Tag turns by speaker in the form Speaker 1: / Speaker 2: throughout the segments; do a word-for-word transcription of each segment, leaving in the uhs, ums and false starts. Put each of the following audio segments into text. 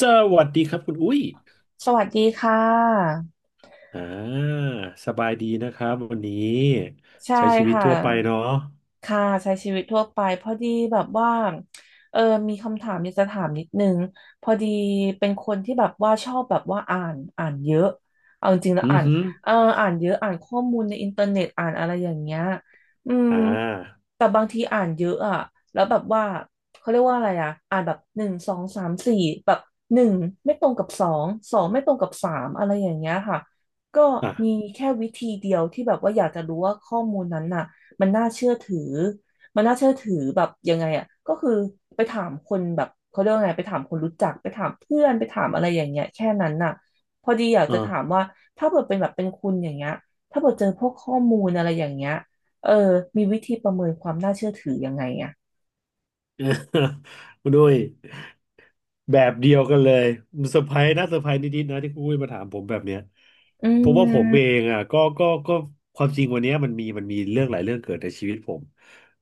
Speaker 1: สวัสดีครับคุณอุ้ย
Speaker 2: สวัสดีค่ะ
Speaker 1: อ่าสบายดีนะครับวันนี้
Speaker 2: ใช่
Speaker 1: ใช้ชีวิต
Speaker 2: ค่ะ
Speaker 1: ทั่วไปเนาะ
Speaker 2: ค่ะใช้ชีวิตทั่วไปพอดีแบบว่าเออมีคำถามอยากจะถามนิดนึงพอดีเป็นคนที่แบบว่าชอบแบบว่าอ่านอ่านเยอะเอาจริงๆแล้ว
Speaker 1: อือ
Speaker 2: อ่าน
Speaker 1: ฮึ
Speaker 2: เอออ่านเยอะอ่านข้อมูลในอินเทอร์เน็ตอ่านอะไรอย่างเงี้ยอืม
Speaker 1: อ่า
Speaker 2: แต่บางทีอ่านเยอะอะแล้วแบบว่าเขาเรียกว่าอะไรอะอ่านแบบหนึ่งสองสามสี่แบบหนึ่งไม่ตรงกับสองสองไม่ตรงกับสามอะไรอย่างเงี้ยค่ะก็
Speaker 1: อ่ะ
Speaker 2: มีแค่วิธีเดียวที่แบบว่าอยากจะรู้ว่าข้อมูลนั้นน่ะมันน่าเชื่อถือมันน่าเชื่อถือแบบยังไงอะก็คือไปถามคนแบบเขาเรียกว่าไงไปถามคนรู้จักไปถามเพื่อนไปถามอะไรอย่างเงี้ยแค่นั้นน่ะพอดีอยาก
Speaker 1: เอ
Speaker 2: จะ
Speaker 1: อ
Speaker 2: ถามว่าถ้าเกิดเป็นแบบเป็นคุณอย่างเงี้ยถ้าเกิดเจอพวกข้อมูลอะไรอย่างเงี้ย เออมีวิธีประเมินความน่าเชื่อถือยังไงอ่ะ
Speaker 1: คุณอุ้ย แบบเดียวกันเลยเซอร์ไพรส์นะเซอร์ไพรส์นิดๆนะที่คุณอุ้ยมาถามผมแบบเนี้ย
Speaker 2: อื
Speaker 1: เพราะว่าผมเอ
Speaker 2: ม
Speaker 1: งอ่ะก็ก็ก็ความจริงวันเนี้ยมันมีมันมีเรื่องหลายเรื่องเกิดในชีวิตผม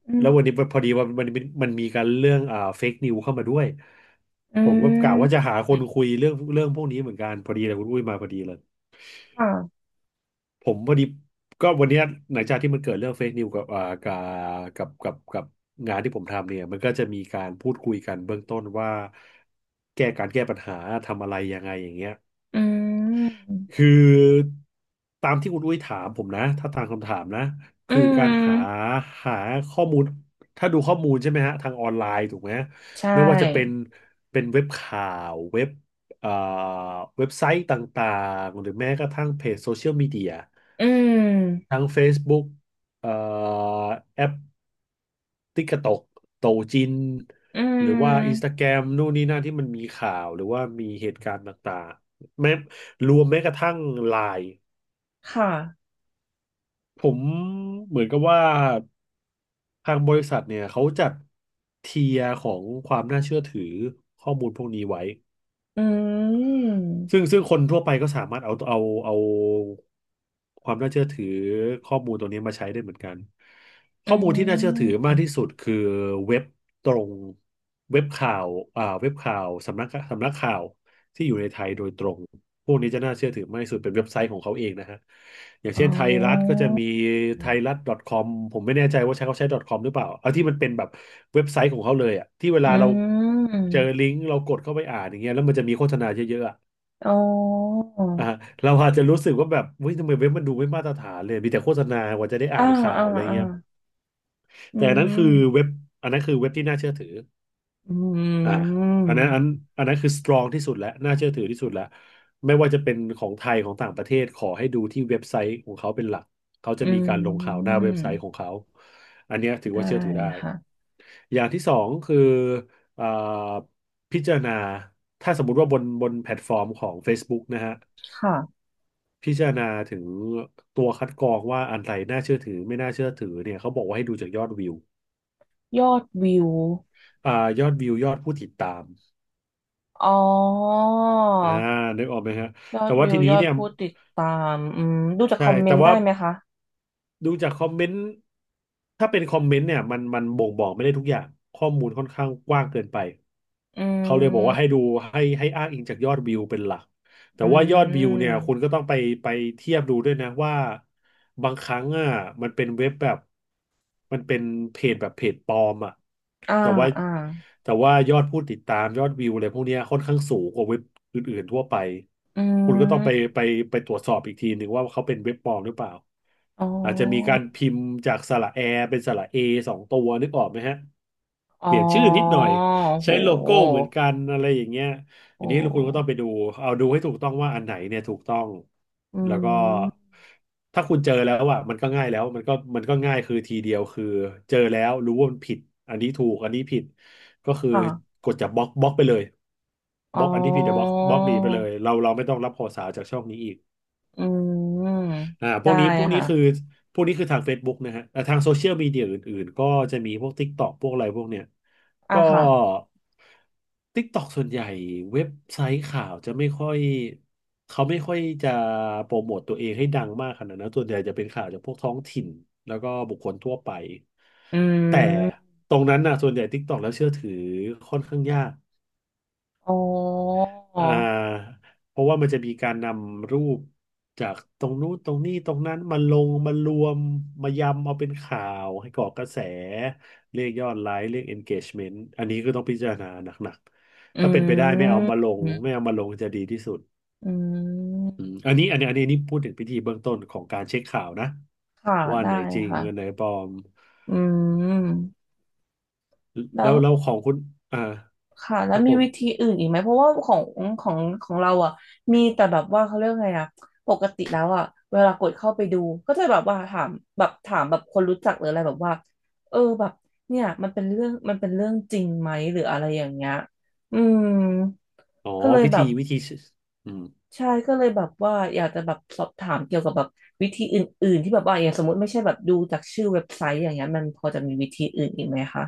Speaker 2: อื
Speaker 1: แล้
Speaker 2: ม
Speaker 1: ววันนี้พอดีว่ามันมันมันมีการเรื่องอ่าเฟกนิวเข้ามาด้วย
Speaker 2: อื
Speaker 1: ผมก็กะว่าจะ
Speaker 2: ม
Speaker 1: หาคนคุยเรื่องเรื่องพวกนี้เหมือนกันพอดีเลยคุณอุ้ยมาพอดีเลย
Speaker 2: ค่ะ
Speaker 1: ผมพอดีก็วันเนี้ยหลังจากที่มันเกิดเรื่องเฟซนิวกับอ่ากับกับกับกับงานที่ผมทำเนี่ยมันก็จะมีการพูดคุยกันเบื้องต้นว่าแก้การแก้ปัญหาทำอะไรยังไงอย่างเงี้ย
Speaker 2: อื
Speaker 1: คื
Speaker 2: ม
Speaker 1: อตามที่คุณอุ้ยถามผมนะถ้าตามคำถามนะ
Speaker 2: อื
Speaker 1: คือกา
Speaker 2: ม
Speaker 1: รหาหาข้อมูลถ้าดูข้อมูลใช่ไหมฮะทางออนไลน์ถูกไหม
Speaker 2: ใช
Speaker 1: ไม่ว่าจะเป็น
Speaker 2: ่
Speaker 1: เป็นเว็บข่าวเว็บเอ่อเว็บไซต์ต่างๆหรือแม้กระทั่งเพจโซเชียลมีเดีย
Speaker 2: อืม
Speaker 1: ทั้ง Facebook เอ่อแอป ติ๊กต็อกโตจิน
Speaker 2: อื
Speaker 1: หรือว่าอินส
Speaker 2: ม
Speaker 1: ตาแกรมนู่นนี่นั่นที่มันมีข่าวหรือว่ามีเหตุการณ์ต่างๆแม้รวมแม้กระทั่งไลน์
Speaker 2: ค่ะ
Speaker 1: ผมเหมือนกับว่าทางบริษัทเนี่ยเขาจัดเทียร์ของความน่าเชื่อถือข้อมูลพวกนี้ไว้
Speaker 2: อื
Speaker 1: ซึ่ง
Speaker 2: ม
Speaker 1: ซึ่งคนทั่วไปก็สามารถเอาเอาเอาความน่าเชื่อถือข้อมูลตัวนี้มาใช้ได้เหมือนกัน
Speaker 2: อื
Speaker 1: ข้อมูลที่น่าเชื่อถือ
Speaker 2: ม
Speaker 1: มากที่สุดคือเว็บตรงเว็บข่าวอ่าเว็บข่าวสำนักสำนักข่าวที่อยู่ในไทยโดยตรงพวกนี้จะน่าเชื่อถือมากที่สุดเป็นเว็บไซต์ของเขาเองนะฮะอย่าง
Speaker 2: อ๋
Speaker 1: เช่นไทยรัฐก็
Speaker 2: อ
Speaker 1: จะมีไทยรัฐ .com ผมไม่แน่ใจว่าใช้เขาใช้ .com หรือเปล่าเอาที่มันเป็นแบบเว็บไซต์ของเขาเลยอะที่เว
Speaker 2: อื
Speaker 1: ลาเรา
Speaker 2: ม
Speaker 1: เจอลิงก์เรากดเข้าไปอ่านอย่างเงี้ยแล้วมันจะมีโฆษณาเยอะๆอะ
Speaker 2: อ๋อ
Speaker 1: อ่าเราอาจจะรู้สึกว่าแบบเฮ้ยทำไมเว็บมันดูไม่มาตรฐานเลยมีแต่โฆษณากว่าจะได้อ่า
Speaker 2: อ่า
Speaker 1: นข่า
Speaker 2: อ่า
Speaker 1: วอะไร
Speaker 2: อ่า
Speaker 1: เงี้ย
Speaker 2: อื
Speaker 1: แต่อันนั้น
Speaker 2: ม
Speaker 1: คือเว็บอันนั้นคือเว็บที่น่าเชื่อถือ
Speaker 2: อื
Speaker 1: อ่าอันนั้นอัน
Speaker 2: ม
Speaker 1: อันนั้นคือสตรองที่สุดแล้วน่าเชื่อถือที่สุดแล้วไม่ว่าจะเป็นของไทยของต่างประเทศขอให้ดูที่เว็บไซต์ของเขาเป็นหลักเขาจะ
Speaker 2: อื
Speaker 1: มีการลงข่าวหน้า
Speaker 2: ม
Speaker 1: เว็บไซต์ของเขาอันเนี้ยถือ
Speaker 2: ได้
Speaker 1: ว่าเชื่อถือได้
Speaker 2: ค่ะ
Speaker 1: อย่างที่สองคืออ่าพิจารณาถ้าสมมุติว่าบนบนแพลตฟอร์มของ Facebook นะฮะ
Speaker 2: ค่ะ
Speaker 1: พิจารณาถึงตัวคัดกรองว่าอันไหนน่าเชื่อถือไม่น่าเชื่อถือเนี่ยเขาบอกว่าให้ดูจากยอดวิว
Speaker 2: ยอดวิว
Speaker 1: อ่ายอดวิวยอดผู้ติดตาม
Speaker 2: อ๋อ
Speaker 1: อ่านึกออกไหมฮะ
Speaker 2: ยอ
Speaker 1: แต่
Speaker 2: ด
Speaker 1: ว่า
Speaker 2: วิว
Speaker 1: ทีนี้
Speaker 2: ยอด
Speaker 1: เนี่ย
Speaker 2: ผู้ติดตามอืมดูจากค
Speaker 1: ใช่
Speaker 2: อมเม
Speaker 1: แต่
Speaker 2: นต์ได้
Speaker 1: ว่า
Speaker 2: ไหมคะ
Speaker 1: ดูจากคอมเมนต์ถ้าเป็นคอมเมนต์เนี่ยมันมันบ่งบอกไม่ได้ทุกอย่างข้อมูลค่อนข้างกว้างเกินไป
Speaker 2: อื
Speaker 1: เขาเลยบอกว่าให้
Speaker 2: ม
Speaker 1: ดูให้ให้อ้างอิงจากยอดวิวเป็นหลัก แต่
Speaker 2: อื
Speaker 1: ว่ายอดวิวเนี่ยคุณ
Speaker 2: ม
Speaker 1: ก็ต้องไปไปเทียบดูด้วยนะว่าบางครั้งอ่ะมันเป็นเว็บแบบมันเป็นเพจแบบเพจปลอมอ่ะ
Speaker 2: อ่า
Speaker 1: แต่ว่า
Speaker 2: อ่า
Speaker 1: แต่ว่ายอดผู้ติดตามยอดวิวอะไรพวกเนี้ยค่อนข้างสูงกว่าเว็บอื่นๆทั่วไป
Speaker 2: อื
Speaker 1: คุณก็ต้องไป
Speaker 2: ม
Speaker 1: ไปไปตรวจสอบอีกทีหนึ่งว่าเขาเป็นเว็บปลอมหรือเปล่า
Speaker 2: อ๋อ
Speaker 1: อาจจะมีการพิมพ์จากสระแอเป็นสระเอสองตัวนึกออกไหมฮะ
Speaker 2: อ๋อ
Speaker 1: เปลี่ยนชื่อนิดหน่อย
Speaker 2: โห
Speaker 1: ใช้โลโก้เหมือนกันอะไรอย่างเงี้ย
Speaker 2: โอ
Speaker 1: อันนี้คุณก็ต้อง
Speaker 2: ้
Speaker 1: ไปดูเอาดูให้ถูกต้องว่าอันไหนเนี่ยถูกต้อง
Speaker 2: อื
Speaker 1: แล้วก็
Speaker 2: ม
Speaker 1: ถ้าคุณเจอแล้วอ่ะมันก็ง่ายแล้วมันก็มันก็ง่ายคือทีเดียวคือเจอแล้วรู้ว่ามันผิดอันนี้ถูกอันนี้ผิดก็คือ
Speaker 2: ค่ะ
Speaker 1: กดจาบล็อกบล็อกไปเลย
Speaker 2: อ๋
Speaker 1: บ
Speaker 2: อ
Speaker 1: ล็อกอันที่ผิดเดี๋ยวบล็อกบล็อกหนีไปเลยเราเราไม่ต้องรับข่าวสารจากช่องนี้อีก
Speaker 2: อืม
Speaker 1: อ่าพว
Speaker 2: ได้
Speaker 1: กนี้พวกนี้คือ
Speaker 2: ค่ะ
Speaker 1: พวกนี้คือทาง Facebook นะฮะแต่ทางโซเชียลมีเดียอื่นๆ ก็จะมีพวก TikTok พวกอะไรพวกเนี้ย
Speaker 2: อ่ะ
Speaker 1: ก็
Speaker 2: ค่ะ
Speaker 1: TikTok ส่วนใหญ่เว็บไซต์ข่าวจะไม่ค่อยเขาไม่ค่อยจะโปรโมตตัวเองให้ดังมากขนาดนั้นส่วนใหญ่จะเป็นข่าวจากพวกท้องถิ่นแล้วก็บุคคลทั่วไป
Speaker 2: อื
Speaker 1: แต่
Speaker 2: ม
Speaker 1: ตรงนั้นนะส่วนใหญ่ TikTok แล้วเชื่อถือค่อนข้างยาก
Speaker 2: อ๋อ
Speaker 1: อ่าเพราะว่ามันจะมีการนำรูปจากตรงนู้นตรงนี้ตรงนั้นมาลงมารวมมายำเอาเป็นข่าวให้ก่อกระแสเรียกยอดไลค์เรียก engagement อันนี้ก็ต้องพิจารณาหนัก
Speaker 2: อื
Speaker 1: ๆถ้าเป็นไปได้ไม่เอามา
Speaker 2: ม
Speaker 1: ลงไม่เอามาลงจะดีที่สุด
Speaker 2: อืม
Speaker 1: อืมอันนี้อันนี้อันนี้นี่พูดถึงพิธีเบื้องต้นของการเช็คข่าวนะ
Speaker 2: ค่ะ
Speaker 1: ว่าอัน
Speaker 2: ได้
Speaker 1: ไหนจริง
Speaker 2: ค่ะ
Speaker 1: อันไหนปลอม
Speaker 2: อืม แล้
Speaker 1: แล้
Speaker 2: ว
Speaker 1: วแล้วของคุณอ่า
Speaker 2: ค่ะ
Speaker 1: ค
Speaker 2: แล้ว
Speaker 1: รับ
Speaker 2: มี
Speaker 1: ผม
Speaker 2: วิธีอื่นอีกไหมเพราะว่าของของของเราอ่ะมีแต่แบบว่าเขาเรียกไงอ่ะปกติแล้วอ่ะเวลากดเข้าไปดูก็จะแบบว่าถามแบบถามแบบคนรู้จักหรืออะไรแบบว่าเออแบบเนี่ยมันเป็นเรื่องมันเป็นเรื่องจริงไหมหรืออะไรอย่างเงี้ยอืม
Speaker 1: อ๋อ
Speaker 2: ก็เลย
Speaker 1: วิ
Speaker 2: แบ
Speaker 1: ธี
Speaker 2: บ
Speaker 1: วิธีอืม
Speaker 2: ใช่ก็เลยแบบว่าอยากจะแบบสอบถามเกี่ยวกับแบบวิธีอื่นๆที่แบบว่าอย่างสมมติไม่ใช่แบบดูจากชื่อเว็บไซต์อย่างเงี้ยมันพอจะมีวิธีอื่นอีกไหมคะ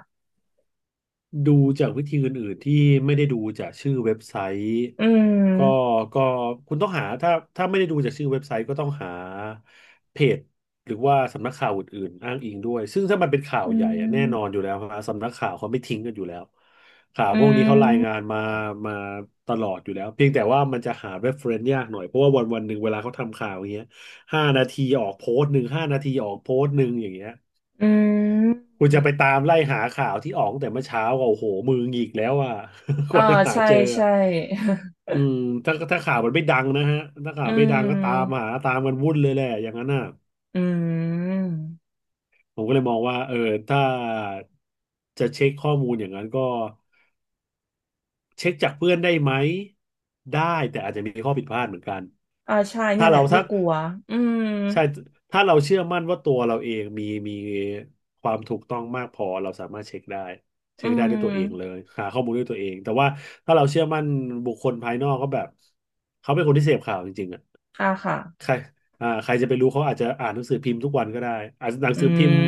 Speaker 1: ดูจากวิธีอื่นๆที่ไม่ได้ดูจากชื่อเว็บไซต์
Speaker 2: อื
Speaker 1: ก็
Speaker 2: ม
Speaker 1: ก็คุณต้องหาถ้าถ้าไม่ได้ดูจากชื่อเว็บไซต์ก็ต้องหาเพจหรือว่าสำนักข่าวอื่นๆอ้างอิงด้วยซึ่งถ้ามันเป็นข่าว
Speaker 2: อื
Speaker 1: ใหญ่อะแน่นอน
Speaker 2: ม
Speaker 1: อยู่แล้วฮะสำนักข่าวเขาไม่ทิ้งกันอยู่แล้วข่าว
Speaker 2: อื
Speaker 1: พวกนี้เขารายงา
Speaker 2: ม
Speaker 1: นมามาตลอดอยู่แล้วเพียงแต่ว่ามันจะหา reference ยากหน่อยเพราะว่าวันวันหนึ่งเวลาเขาทำข่าวอย่างเงี้ยห้านาทีออกโพสต์หนึ่งห้านาทีออกโพสต์หนึ่งอย่างเงี้ย
Speaker 2: อืม
Speaker 1: คุณจะไปตามไล่หาข่าวที่ออกตั้งแต่เมื่อเช้าก็โอ้โหมือหงิกแล้วอ่ะ ก
Speaker 2: อ่า
Speaker 1: ว่าจะหา
Speaker 2: ใช่
Speaker 1: เจออะ
Speaker 2: ใช่
Speaker 1: อืมถ้าถ้าข่าวมันไม่ดังนะฮะถ้า
Speaker 2: อื
Speaker 1: ข่าวไม่ดังก็ตาม
Speaker 2: ม
Speaker 1: หาตามกันวุ่นเลยแหละอย่างนั้นน่ะ
Speaker 2: อืม
Speaker 1: ผมก็เลยมองว่าเออถ้าจะเช็คข้อมูลอย่างนั้นก็เช็คจากเพื่อนได้ไหมได้แต่อาจจะมีข้อผิดพลาดเหมือนกัน
Speaker 2: อ่าใช่เนี่
Speaker 1: ถ้า
Speaker 2: ยแห
Speaker 1: เรา
Speaker 2: ละที่
Speaker 1: ถ้า
Speaker 2: กลัวอืม
Speaker 1: ใช่ถ้าเราเชื่อมั่นว่าตัวเราเองมีมีความถูกต้องมากพอเราสามารถเช็คได้
Speaker 2: อื
Speaker 1: เช็คได้ด้ว
Speaker 2: ม
Speaker 1: ยตัวเองเลยหาข้อมูลด้วยตัวเองแต่ว่าถ้าเราเชื่อมั่นบุคคลภายนอกก็แบบเขาเป็นคนที่เสพข่าวจริงๆอ่ะ
Speaker 2: อ่าค่ะ
Speaker 1: ใครอ่าใครจะไปรู้เขาอาจจะอ่านหนังสือพิมพ์ทุกวันก็ได้อาจจะหนัง
Speaker 2: อื
Speaker 1: สือพิมพ์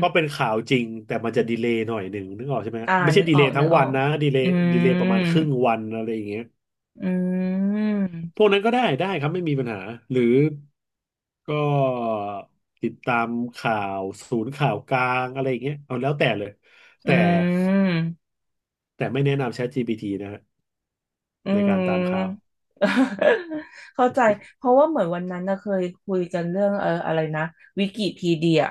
Speaker 1: ก็เป็นข่าวจริงแต่มันจะดีเลย์หน่อยหนึ่งนึกออกใช่ไหม
Speaker 2: อ่า
Speaker 1: ไม่ใช่
Speaker 2: นึก
Speaker 1: ดี
Speaker 2: ออ
Speaker 1: เล
Speaker 2: ก
Speaker 1: ย์ทั้
Speaker 2: นึ
Speaker 1: ง
Speaker 2: กอ
Speaker 1: วั
Speaker 2: อ
Speaker 1: น
Speaker 2: ก
Speaker 1: นะดีเล
Speaker 2: อื
Speaker 1: ย์ดีเลย์ประมาณค
Speaker 2: ม
Speaker 1: รึ่งวันอะไรอย่างเงี้ย
Speaker 2: อืม
Speaker 1: พวกนั้นก็ได้ได้ครับไม่มีปัญหาหรือ ก็ติดตามข่าวศูนย์ข่าวกลางอะไรอย่างเงี้ยเอาแล้วแต่เลย
Speaker 2: อื
Speaker 1: แต่
Speaker 2: ม
Speaker 1: แต่ไม่แนะนำ ChatGPT นะฮะ
Speaker 2: อื
Speaker 1: ในการตามข่าว
Speaker 2: ม เข้าใจเพราะว่าเหมือนวันนั้นนะเคยคุยกันเรื่องเอออะไรนะวิกิพีเดีย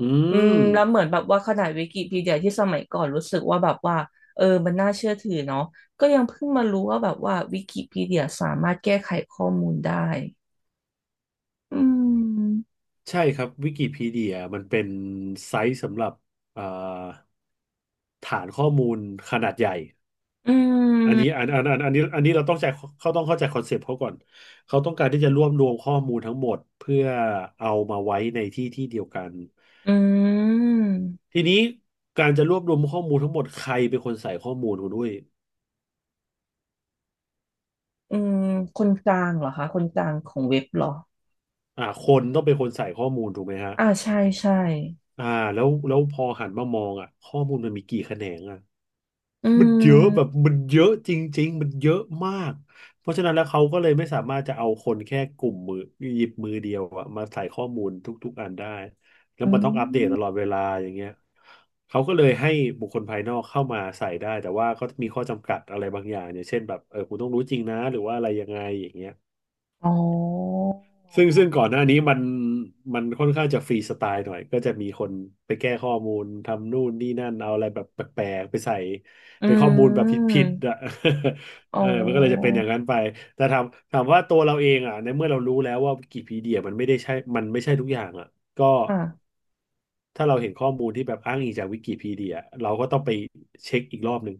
Speaker 1: อื
Speaker 2: อืม
Speaker 1: ม
Speaker 2: แล้วเหมือนแบบว่าขนาดวิกิพีเดียที่สมัยก่อนรู้สึกว่าแบบว่าเออมันน่าเชื่อถือเนาะก็ยังเพิ่งมารู้ว่าแบบว่าวิกิพีเดียสามารถแก้ไขข้อมูลได้อืม
Speaker 1: ใช่ครับวิกิพีเดียมันเป็นไซต์สำหรับอ่าฐานข้อมูลขนาดใหญ่
Speaker 2: อื
Speaker 1: อันนี้
Speaker 2: ม
Speaker 1: อันอันอันอันนี้อันนี้เราต้องใจเขาต้องเข้าใจคอนเซปต์เขาก่อนเขาต้องการที่จะรวบรวมข้อมูลทั้งหมดเพื่อเอามาไว้ในที่ที่เดียวกัน
Speaker 2: อืม
Speaker 1: ทีนี้การจะรวบรวมข้อมูลทั้งหมดใครเป็นคนใส่ข้อมูลคุณด้วย
Speaker 2: อืมคนกลางเหรอคะคนกลางของเว็บเหรอ
Speaker 1: อ่าคนต้องเป็นคนใส่ข้อมูลถูกไหมฮะ
Speaker 2: อ่าใช่ใช่
Speaker 1: อ่าแล้วแล้วพอหันมามองอ่ะข้อมูลมันมีกี่แขนงอ่ะ
Speaker 2: อื
Speaker 1: มันเยอะแบบ
Speaker 2: ม
Speaker 1: มันเยอะจริงๆมันเยอะมากเพราะฉะนั้นแล้วเขาก็เลยไม่สามารถจะเอาคนแค่กลุ่มมือหยิบมือเดียวอะมาใส่ข้อมูลทุกๆอันได้แล้ว
Speaker 2: อื
Speaker 1: มันต้องอัปเดตต
Speaker 2: ม
Speaker 1: ลอดเวลาอย่างเงี้ยเขาก็เลยให้บุคคลภายนอกเข้ามาใส่ได้แต่ว่าก็มีข้อจำกัดอะไรบางอย่างเนี่ยเช่นแบบเออคุณต้องรู้จริงนะหรือว่าอะไรยังไงอย่างเงี้ย
Speaker 2: อ๋อ
Speaker 1: ซึ่งซึ่งก่อนหน้านี้มันมันค่อนข้างจะฟรีสไตล์หน่อยก็จะมีคนไปแก้ข้อมูลทำนู่นนี่นั่นเอาอะไรแบบแปลกๆไปใส่
Speaker 2: อื
Speaker 1: เป็นข้อมูลแบบผิด
Speaker 2: ม
Speaker 1: ๆอ่ะ
Speaker 2: อ๋
Speaker 1: เออมันก็เลยจะ
Speaker 2: อ
Speaker 1: เป็นอย่างนั้นไปแต่ถามถามว่าตัวเราเองอ่ะในเมื่อเรารู้แล้วว่าวิกิพีเดียมันไม่ได้ใช่มันไม่ใช่ทุกอย่างอ่ะก็
Speaker 2: ค่ะ
Speaker 1: ถ้าเราเห็นข้อมูลที่แบบอ้างอิงจากวิกิพีเดียเราก็ต้องไปเช็คอีกรอบหนึ่ง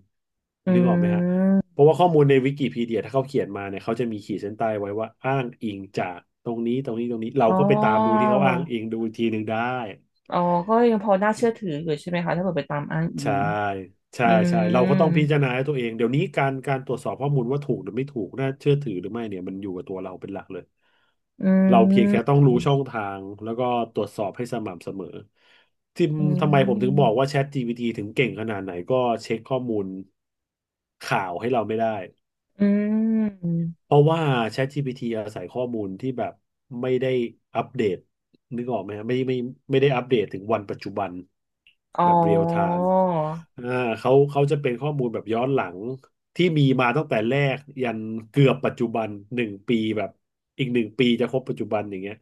Speaker 2: อื
Speaker 1: นึกออกไหมฮะ
Speaker 2: ม
Speaker 1: เพราะว่าข้อมูลในวิกิพีเดียถ้าเขาเขียนมาเนี่ยเขาจะมีขีดเส้นใต้ไว้ว่าอ้างอิงจากตรงนี้ตรงนี้ตรงนี้เรา
Speaker 2: อ๋อ
Speaker 1: ก็ไปตามดูที่เขาอ้างอิงดูอีกทีหนึ่งได้
Speaker 2: อ๋อก็ยังพอน่าเชื่อถืออยู่ใช่ไหมคะถ้าเกิดไปตามอ้างอิ
Speaker 1: ใช่
Speaker 2: ง
Speaker 1: ใช่
Speaker 2: อื
Speaker 1: ใช่เรา
Speaker 2: ม
Speaker 1: ก็ต้องพิจารณาให้ตัวเองเดี๋ยวนี้การการตรวจสอบข้อมูลว่าถูกหรือไม่ถูกน่าเชื่อถือหรือไม่เนี่ยมันอยู่กับตัวเราเป็นหลักเลย
Speaker 2: อื
Speaker 1: เราเพียงแค่ต้อ
Speaker 2: ม
Speaker 1: งรู้ช่องทางแล้วก็ตรวจสอบให้สม่ำเสมอที่
Speaker 2: อื
Speaker 1: ทำไมผมถึงบอ
Speaker 2: ม
Speaker 1: กว่า ChatGPT ถึงเก่งขนาดไหนก็เช็คข้อมูลข่าวให้เราไม่ได้
Speaker 2: อืม
Speaker 1: เพราะว่า ChatGPT อาศัยข้อมูลที่แบบไม่ได้อัปเดตนึกออกไหมฮะไม่ไม่ไม่ได้อัปเดตถึงวันปัจจุบัน
Speaker 2: อ๋อ
Speaker 1: แบบเรียลไทม์อ่าเขาเขาจะเป็นข้อมูลแบบย้อนหลังที่มีมาตั้งแต่แรกยันเกือบปัจจุบันหนึ่งปีแบบอีกหนึ่งปีจะครบปัจจุบันอย่างเงี้ย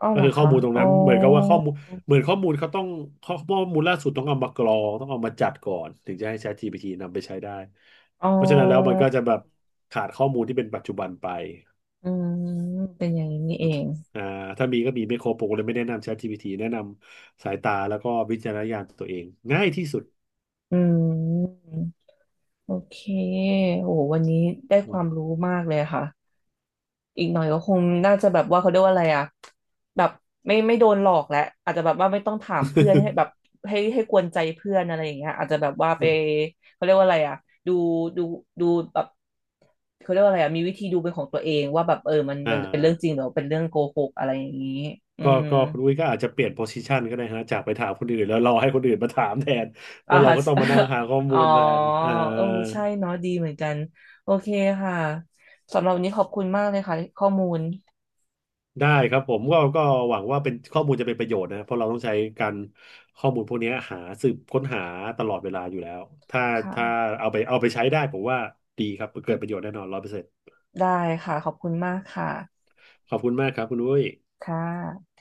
Speaker 2: อ๋อ
Speaker 1: ก็
Speaker 2: เหรอ
Speaker 1: คือข้อ
Speaker 2: คะ
Speaker 1: มูลตรง
Speaker 2: อ๋อ
Speaker 1: นั้นเหมือนกับว่าข้อมูล เหมือนข้อมูลเขาต้องข้อข้อมูลล่าสุดต้องเอามากรองต้องเอามาจัดก่อนถึงจะให้ ChatGPT นำไปใช้ได้
Speaker 2: อ๋อ
Speaker 1: เพราะฉะนั้นแล้วมันก็จะแบบขาดข้อมูลที่เป็นปัจจุบันไป
Speaker 2: อืมเป็นอย่างนี้นี่เอง
Speaker 1: อ่าถ้ามีก็มีไม่ครบผมก็เลยไม่แนะนำ ChatGPT แนะนำสายตาแล้วก็วิจารณญาณตัวเองง่ายที่สุด
Speaker 2: อืมโอเค โอ้โหวันนี้ได้
Speaker 1: อื
Speaker 2: ค
Speaker 1: ม
Speaker 2: วามรู้มากเลยค่ะ อีกหน่อยก็คงน่าจะแบบว่าเขาเรียกว่าอะไรอะแบบไม่ไม่โดนหลอกแล้วอาจจะแบบว่าไม่ต้องถามเพื่อนให้แบบให้ให้กวนใจเพื่อนอะไรอย่างเงี้ยอาจจะแบบว่าไปเขาเรียกว่าอะไรอะดูดูดูแบบเขาเรียกว่าอะไรอะมีวิธีดูเป็นของตัวเองว่าแบบเออมัน
Speaker 1: อ่า
Speaker 2: มันเป็นเรื่องจริงหรือเป็นเรื่องโกหกอะไรอย่างนี้อื
Speaker 1: ก็
Speaker 2: ม
Speaker 1: ก็คุณอุ้ยก็อาจจะเปลี่ยนโพสิชันก็ได้ฮะจากไปถามคนอื่นแล้วรอให้คนอื่นมาถามแทนเพ
Speaker 2: อ่า
Speaker 1: ราะเราก็ต้องมานั่งหา ข้อ
Speaker 2: อ๋
Speaker 1: มู
Speaker 2: อ
Speaker 1: ลแทนเอ่า
Speaker 2: เออใช่เนาะดีเหมือนกันโอเคค่ะสำหรับวันนี้ขอบคุณมากเลยค่ะข้อมูล
Speaker 1: ได้ครับผมก็ก็หวังว่าเป็นข้อมูลจะเป็นประโยชน์นะเพราะเราต้องใช้การข้อมูลพวกนี้หาสืบค้นหาตลอดเวลาอยู่แล้วถ้าถ้า
Speaker 2: ค่ะ
Speaker 1: เอาไปเอาไปใช้ได้ผมว่าดีครับเกิดประโยชน์แน่นอนร้อยเปอร์เซ็นต์
Speaker 2: ได้ค่ะขอบคุณมากค่ะ
Speaker 1: ขอบคุณมากครับคุณอุ้ย
Speaker 2: ค่ะ